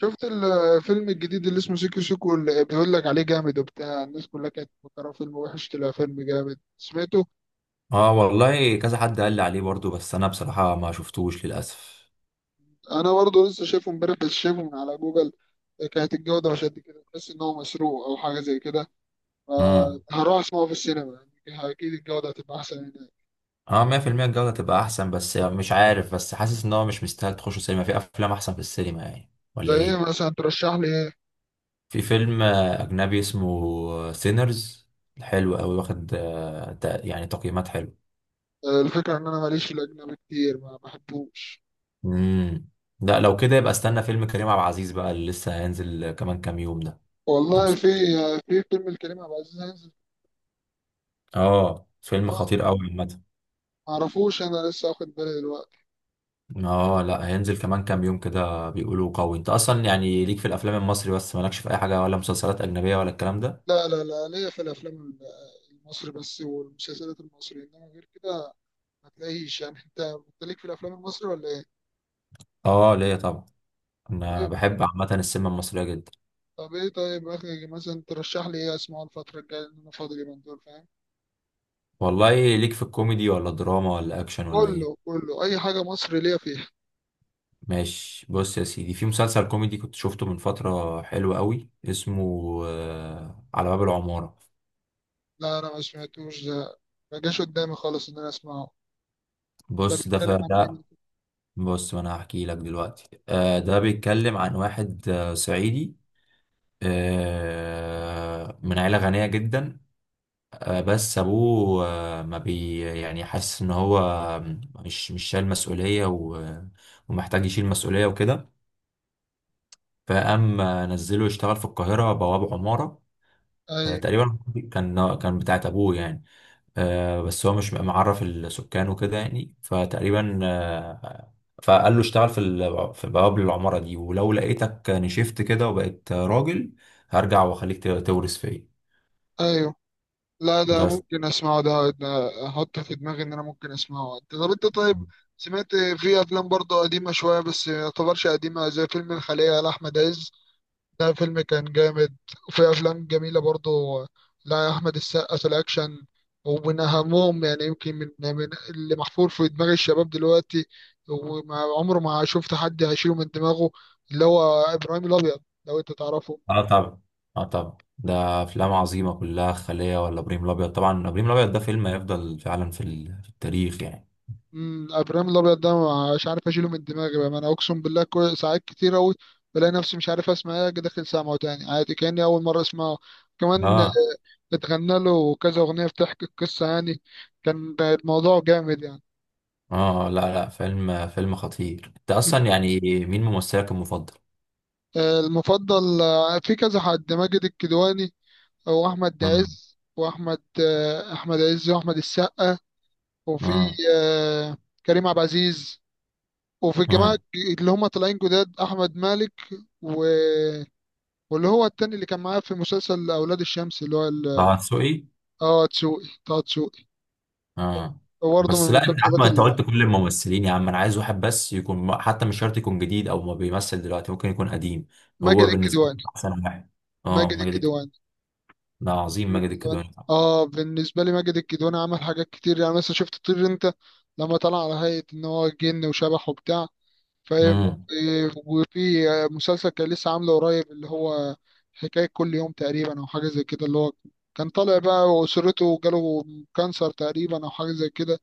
شفت الفيلم الجديد اللي اسمه سيكو سيكو، اللي بيقول لك عليه جامد وبتاع. الناس كلها كانت مفكرة فيلم وحش، طلع فيلم جامد. سمعته اه، والله كذا حد قال لي عليه برضو، بس انا بصراحة ما شفتوش للأسف. انا برضه لسه، شايفه امبارح بس شايفه من على جوجل. كانت الجودة مش قد كده، تحس ان هو مسروق او حاجة زي كده. اه. فهروح اسمعه في السينما، يعني اكيد الجودة هتبقى احسن هناك. اه، 100% الجودة تبقى احسن، بس مش عارف، بس حاسس ان هو مش مستاهل تخش السينما، في افلام احسن في السينما يعني، زي ولا ايه ايه؟ مثلا؟ ترشح لي ايه؟ في فيلم اجنبي اسمه سينرز، حلو قوي، واخد يعني تقييمات حلوة. الفكرة ان انا ماليش في الاجنبي كتير، ما بحبوش. امم لا، لو كده يبقى استنى فيلم كريم عبد العزيز بقى، اللي لسه هينزل كمان كام يوم ده. يوم والله س- في في فيلم الكريم عبد العزيز هينزل، اه، فيلم ما خطير قوي. اعرفوش، انا لسه واخد بالي دلوقتي. اه، لا هينزل كمان كام يوم كده، بيقولوا قوي. انت اصلا يعني ليك في الافلام المصري بس، مالكش في اي حاجه، ولا مسلسلات اجنبيه ولا الكلام ده؟ لا لا لا، ليا في الافلام المصري بس والمسلسلات المصري، انما غير كده ما تلاقيش. يعني انت، انت ليك في الافلام المصري ولا ايه؟ اه، ليا طبعا. طب ايه؟ انا بحب عامه السينما المصريه جدا. طيب اخي مثلا ترشح لي ايه اسمعه الفتره الجايه، لان انا فاضي اليومين دول، فاهم؟ والله ليك في الكوميدي ولا دراما ولا اكشن ولا ايه؟ كله كله، اي حاجه مصري ليا فيها. ماشي، بص يا سيدي، في مسلسل كوميدي كنت شفته من فتره، حلو قوي، اسمه آه، على باب العماره. لا انا ما سمعتوش ده، ما جاش قدامي خالص ان انا اسمعه. ده بص ده بيتكلم عن ايه؟ ده. بص، ما انا هحكي لك دلوقتي. آه، ده بيتكلم عن واحد صعيدي، من عيلة غنية جدا. بس ابوه ما بي، يعني حاسس ان هو مش شايل مسؤوليه ومحتاج يشيل مسؤوليه وكده. فقام نزله يشتغل في القاهره بواب عماره. اي، تقريبا كان بتاعت ابوه يعني. بس هو مش معرف السكان وكده يعني، فتقريبا فقال له اشتغل في في بواب العماره دي، ولو لقيتك نشفت كده وبقيت راجل هرجع واخليك تورث فيا. ايوه، لا ده بس. ممكن اسمعه، ده ده احط في دماغي ان انا ممكن اسمعه. انت طب، طيب سمعت في افلام برضه قديمه شويه، بس ما يعتبرش قديمه، زي فيلم الخليه لاحمد عز، ده فيلم كان جامد. وفي افلام جميله برضه لاحمد السقا في الاكشن. ومن اهمهم يعني يمكن من اللي محفور في دماغ الشباب دلوقتي، وما عمره ما شفت حد هيشيله من دماغه، اللي هو ابراهيم الابيض، لو انت تعرفه. اه طبعا. اه طبعا، ده افلام عظيمه كلها، خليه ولا ابراهيم الابيض. طبعا ابراهيم الابيض ده فيلم هيفضل فعلا في في التاريخ يعني. امم، ابراهيم الابيض ده مش عارف اشيله من دماغي بقى، انا اقسم بالله كل ساعات كتير اوي بلاقي نفسي مش عارف اسمع ايه، أجي داخل سامعه تاني عادي كاني اول مره اسمعه كمان. اه. اتغنى له كذا اغنيه بتحكي القصه، يعني كان الموضوع جامد يعني. اه لا لا، فيلم فيلم خطير انت مم. اصلا يعني. مين ممثلك المفضل؟ المفضل، في كذا حد، ماجد الكدواني واحمد امم عز، واحمد آه، احمد عز واحمد السقا، وفي امم آه، كريم عبد العزيز، وفي الجماعه امم اللي هم طالعين جداد، احمد مالك، واللي هو التاني اللي كان معاه في مسلسل اولاد الشمس اللي هو طه دسوقي. اه تسوقي، طه دسوقي ده اه. برضه من بس لا، انت يا عم، المسلسلات انت اللي قلت كل الممثلين، يا عم انا عايز واحد بس، يكون حتى مش شرط يكون جديد، او ما بيمثل دلوقتي ممكن يكون قديم. ماجد هو بالنسبه لي الكدواني. احسن واحد. اه، ماجد إيه الكدواني؟ ده عظيم، ماجد إيه ماجد الكدواني؟ الكدواني طبعا. اه بالنسبه لي ماجد إيه الكدواني عمل حاجات كتير، يعني مثلا شفت طير انت، لما طلع على هيئه ان هو جن وشبح وبتاع، فاهم؟ إيه، وفي مسلسل كان لسه عامله قريب، اللي هو حكايه كل يوم تقريبا او حاجه زي كده، اللي هو كان طالع بقى واسرته جاله كانسر تقريبا او حاجه زي كده،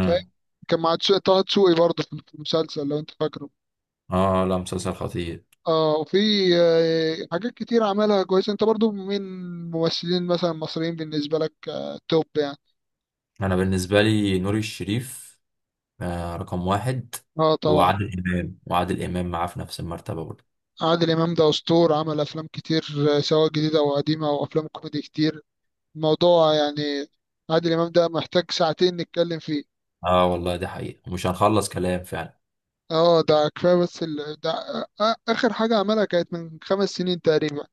فاهم؟ كان مع طه دسوقي برضه في المسلسل، لو انت فاكره. اه لا، مسلسل خطير. اه وفي حاجات كتير عملها كويسة. انت برضه من ممثلين مثلا مصريين بالنسبة لك توب، يعني؟ انا بالنسبه لي نور الشريف آه، رقم واحد. اه طبعا، وعادل امام، وعادل امام معاه في نفس المرتبه برضه. عادل امام ده اسطور، عمل افلام كتير، سواء جديده او قديمه، او افلام كوميدي كتير الموضوع يعني. عادل امام ده محتاج ساعتين نتكلم فيه. اه والله دي حقيقه ومش هنخلص كلام فعلا. اه ده كفايه، بس ده اخر حاجه عملها كانت من خمس سنين تقريبا،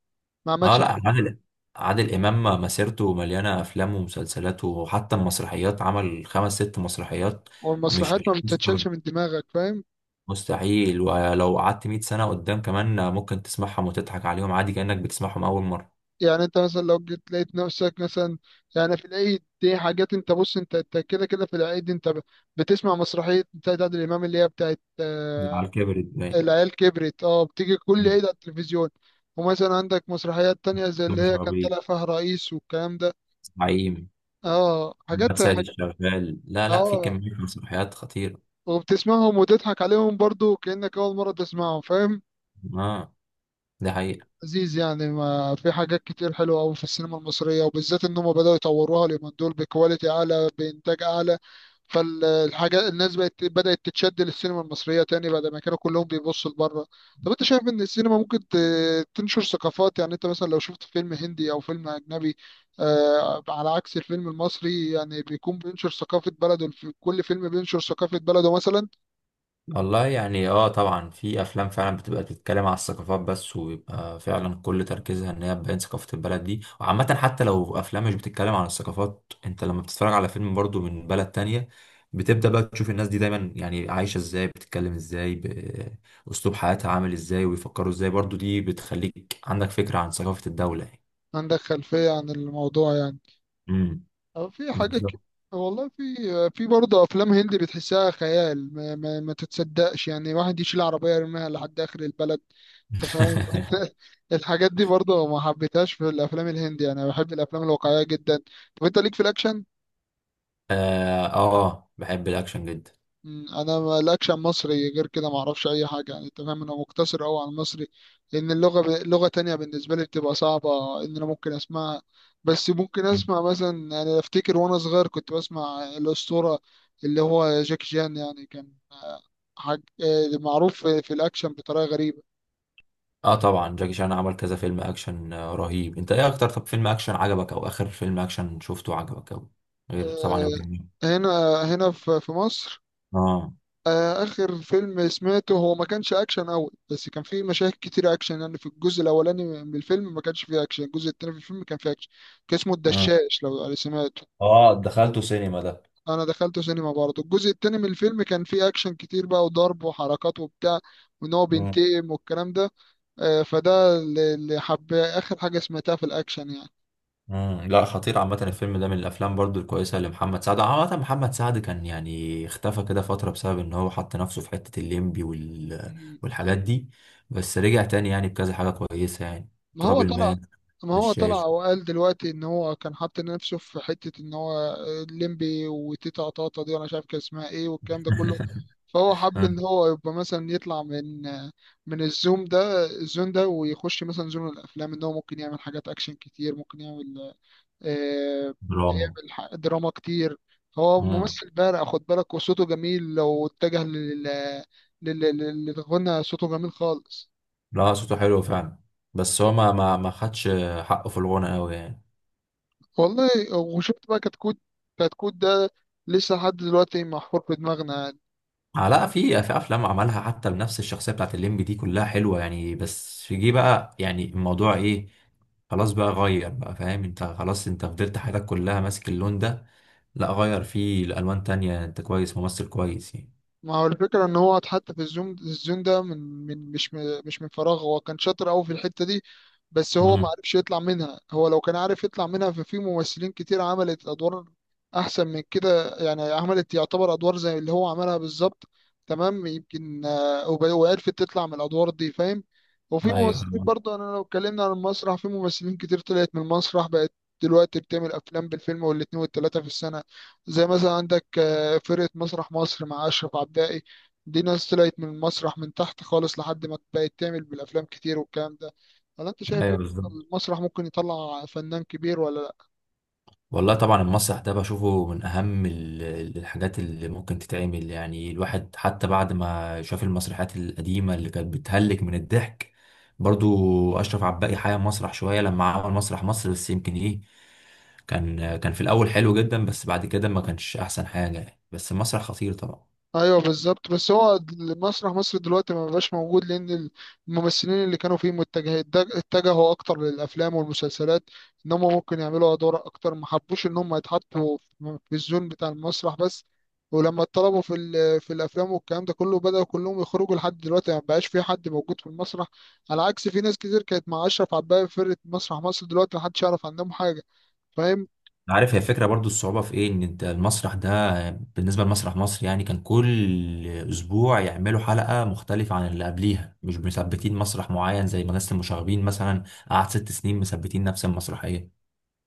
ما اه عملش حاجه. لا، عادل امام مسيرته مليانه افلام ومسلسلات، وحتى المسرحيات عمل خمس ست مسرحيات. مش والمسرحيات ما بتتشالش من دماغك، فاهم؟ مستحيل، ولو قعدت 100 سنه قدام كمان ممكن تسمعهم وتضحك عليهم عادي كانك بتسمعهم اول مره. يعني انت مثلا لو جيت لقيت نفسك مثلا، يعني في العيد دي حاجات، انت بص انت، كده كده في العيد انت بتسمع مسرحية بتاعت عادل امام، اللي هي بتاعت على كبر الدنيا، العيال كبرت، اه بتيجي كل عيد على التلفزيون. ومثلا عندك مسرحيات تانية زي اللي مش هي كان عربي، طالع فيها الرئيس والكلام ده. زعيم، اه محمد حاجات، سيد حاجات، الشغال، لا لا، في اه. كمية مسرحيات خطيرة. وبتسمعهم وتضحك عليهم برضو كأنك أول مرة تسمعهم، فاهم؟ اه. ده حقيقة. عزيز يعني، ما في حاجات كتير حلوة أوي في السينما المصرية، وبالذات إن هم بدأوا يطوروها اليومين دول بكواليتي أعلى، بإنتاج أعلى. فالحاجة الناس بقت بدأت تتشد للسينما المصرية تاني، بعد ما كانوا كلهم بيبصوا لبره. طب أنت شايف إن السينما ممكن تنشر ثقافات؟ يعني أنت مثلا لو شفت فيلم هندي أو فيلم أجنبي، على عكس الفيلم المصري، يعني بيكون بينشر ثقافة بلده، كل فيلم بينشر ثقافة بلده مثلا، والله يعني اه طبعا، في افلام فعلا بتبقى بتتكلم على الثقافات، بس ويبقى فعلا كل تركيزها ان هي تبين ثقافة البلد دي. وعامة حتى لو افلام مش بتتكلم عن الثقافات، انت لما بتتفرج على فيلم برضو من بلد تانية بتبدأ بقى تشوف الناس دي دايما، يعني عايشة ازاي، بتتكلم ازاي، بأسلوب حياتها عامل ازاي، ويفكروا ازاي برضو. دي بتخليك عندك فكرة عن ثقافة الدولة يعني. عندك خلفية عن الموضوع يعني، امم أو في حاجات بالظبط. والله في، في برضه افلام هندي بتحسها خيال، ما تتصدقش، يعني واحد يشيل عربيه يرميها لحد اخر البلد، انت فاهم؟ الحاجات دي برضه ما حبيتهاش في الافلام الهندي، انا بحب الافلام الواقعيه جدا. طب انت ليك في الاكشن؟ اه بحب الاكشن جدا. مم، انا ما- الاكشن مصري، غير كده ما اعرفش اي حاجه يعني، انت فاهم، انا مقتصر قوي على المصري، لان اللغه لغه تانية بالنسبه لي بتبقى صعبه ان انا ممكن اسمعها. بس ممكن اسمع مثلا، يعني افتكر وانا صغير كنت بسمع الاسطوره، اللي هو جاك جان، يعني كان حاج... آه، معروف في في الاكشن بطريقه غريبه. اه طبعا، جاكي شان عمل كذا فيلم اكشن رهيب. انت ايه اكتر طب فيلم اكشن عجبك، او اخر فيلم اكشن شفته عجبك، او غير طبعا آه، ابراهيم؟ هنا، في في مصر. اه. آخر فيلم سمعته هو ما كانش أكشن أوي، بس كان فيه مشاهد كتير أكشن، يعني في الجزء الأولاني من الفيلم ما كانش فيه أكشن، الجزء التاني في الفيلم كان فيه أكشن. كان اسمه اه. الدشاش، لو سمعته. اه دخلته سينما ده. أنا دخلته سينما برضه، الجزء التاني من الفيلم كان فيه أكشن كتير بقى، وضرب وحركات وبتاع، وإن هو مم. بينتقم والكلام ده. فده اللي حب آخر حاجة سمعتها في الأكشن لا خطير عامة، الفيلم ده من الأفلام برضو الكويسة لمحمد سعد. عامة محمد سعد كان يعني اختفى كده فترة، بسبب إن هو حط نفسه في حتة الليمبي يعني. والحاجات دي. بس رجع تاني يعني بكذا حاجة كويسة يعني، ما هو تراب طلع، الماس، بالشاش. وقال دلوقتي ان هو كان حاطط نفسه في حته ان هو الليمبي وتيتا طاطا دي، وانا مش عارف كان اسمها ايه والكلام ده كله. فهو حب ان هو يبقى مثلا يطلع من من الزوم ده الزون ده، ويخش مثلا زون الافلام، ان هو ممكن يعمل حاجات اكشن كتير، ممكن يعمل آه، دراما. دراما كتير. هو امم ممثل بارع، خد بالك، وصوته جميل لو اتجه للغنى، صوته جميل خالص. لا صوته حلو فعلا، بس هو ما خدش حقه في الغنى قوي يعني. والله، وشفت بقى كتكوت، كتكوت ده لسه لحد دلوقتي محفور في دماغنا. لا في في افلام عملها حتى بنفس الشخصيه بتاعت الليمبي دي كلها حلوه يعني، بس جه بقى يعني الموضوع ايه، خلاص بقى غير بقى، فاهم انت؟ خلاص انت فضلت حياتك كلها ماسك اللون ده، لا غير فيه لألوان تانية، انت كويس، ممثل كويس يعني. ما هو الفكرة ان هو حتى في الزون ده، من من مش م- مش من فراغ، هو كان شاطر قوي في الحتة دي، بس هو ما امم عرفش يطلع منها. هو لو كان عارف يطلع منها، ففي ممثلين كتير عملت ادوار احسن من كده يعني، عملت يعتبر ادوار زي اللي هو عملها بالظبط تمام، يمكن وعرفت تطلع من الادوار دي، فاهم؟ وفي ايوه. ممثلين برضه، انا لو اتكلمنا عن المسرح، في ممثلين كتير طلعت من المسرح، بقت دلوقتي بتعمل افلام، بالفيلم والاتنين والتلاتة في السنة. زي مثلا عندك فرقة مسرح مصر مع أشرف عبدائي، دي ناس طلعت من المسرح من تحت خالص، لحد ما بقت تعمل بالأفلام كتير والكلام ده، ولا أنت شايف إيه؟ ايوه بالظبط. المسرح ممكن يطلع فنان كبير ولا؟ والله طبعا المسرح ده بشوفه من أهم الحاجات اللي ممكن تتعمل يعني، الواحد حتى بعد ما شاف المسرحيات القديمة اللي كانت بتهلك من الضحك. برضو أشرف عباقي حيا مسرح شوية لما عمل مسرح مصر، بس يمكن إيه، كان في الأول حلو جدا، بس بعد كده ما كانش أحسن حاجة يعني، بس المسرح خطير طبعا. ايوه بالظبط. بس هو مسرح مصر دلوقتي ما بقاش موجود، لان الممثلين اللي كانوا فيه متجه اتجهوا اكتر للافلام والمسلسلات، ان هم ممكن يعملوا ادوار اكتر، ما حبوش ان هم يتحطوا في في الزون بتاع المسرح بس. ولما اتطلبوا في في الافلام والكلام ده كله، بدأوا كلهم يخرجوا، لحد دلوقتي ما بقاش في حد موجود في المسرح. على عكس في ناس كتير كانت مع اشرف عباية في فرقة مسرح مصر، دلوقتي محدش يعرف عنهم حاجة، فاهم؟ عارف هي الفكرة، برضو الصعوبة في ايه، ان انت المسرح ده بالنسبة لمسرح مصر يعني كان كل اسبوع يعملوا حلقة مختلفة عن اللي قبليها، مش مثبتين مسرح معين، زي مدرسة المشاغبين مثلا قعد 6 سنين مثبتين نفس المسرحية.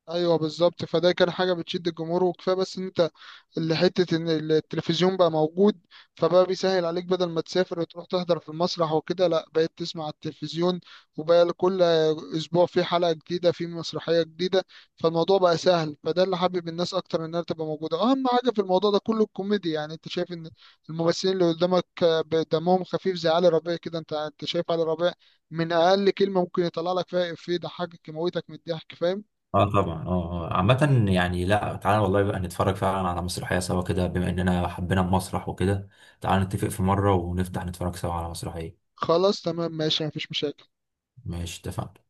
ايوه بالظبط. فده كان حاجه بتشد الجمهور، وكفايه بس ان انت، اللي حتة إن التلفزيون بقى موجود، فبقى بيسهل عليك، بدل ما تسافر وتروح تحضر في المسرح وكده، لأ بقيت تسمع على التلفزيون، وبقى كل أسبوع في حلقة جديدة، في مسرحية جديدة، فالموضوع بقى سهل. فده اللي حابب الناس أكتر إنها تبقى موجودة. أهم حاجة في الموضوع ده كله الكوميديا، يعني أنت شايف إن الممثلين اللي قدامك دمهم خفيف، زي علي ربيع كده، أنت، شايف علي ربيع، من أقل كلمة ممكن يطلع لك فيها إفيه يضحكك، يموتك من الضحك، فاهم؟ اه طبعا. اه آه. عامة يعني، لا تعالى والله بقى نتفرج فعلا على مسرحية سوا كده، بما اننا حبينا المسرح وكده، تعالى نتفق في مرة ونفتح نتفرج سوا على مسرحية. خلاص تمام ماشي، مفيش مشاكل. ماشي، اتفقنا.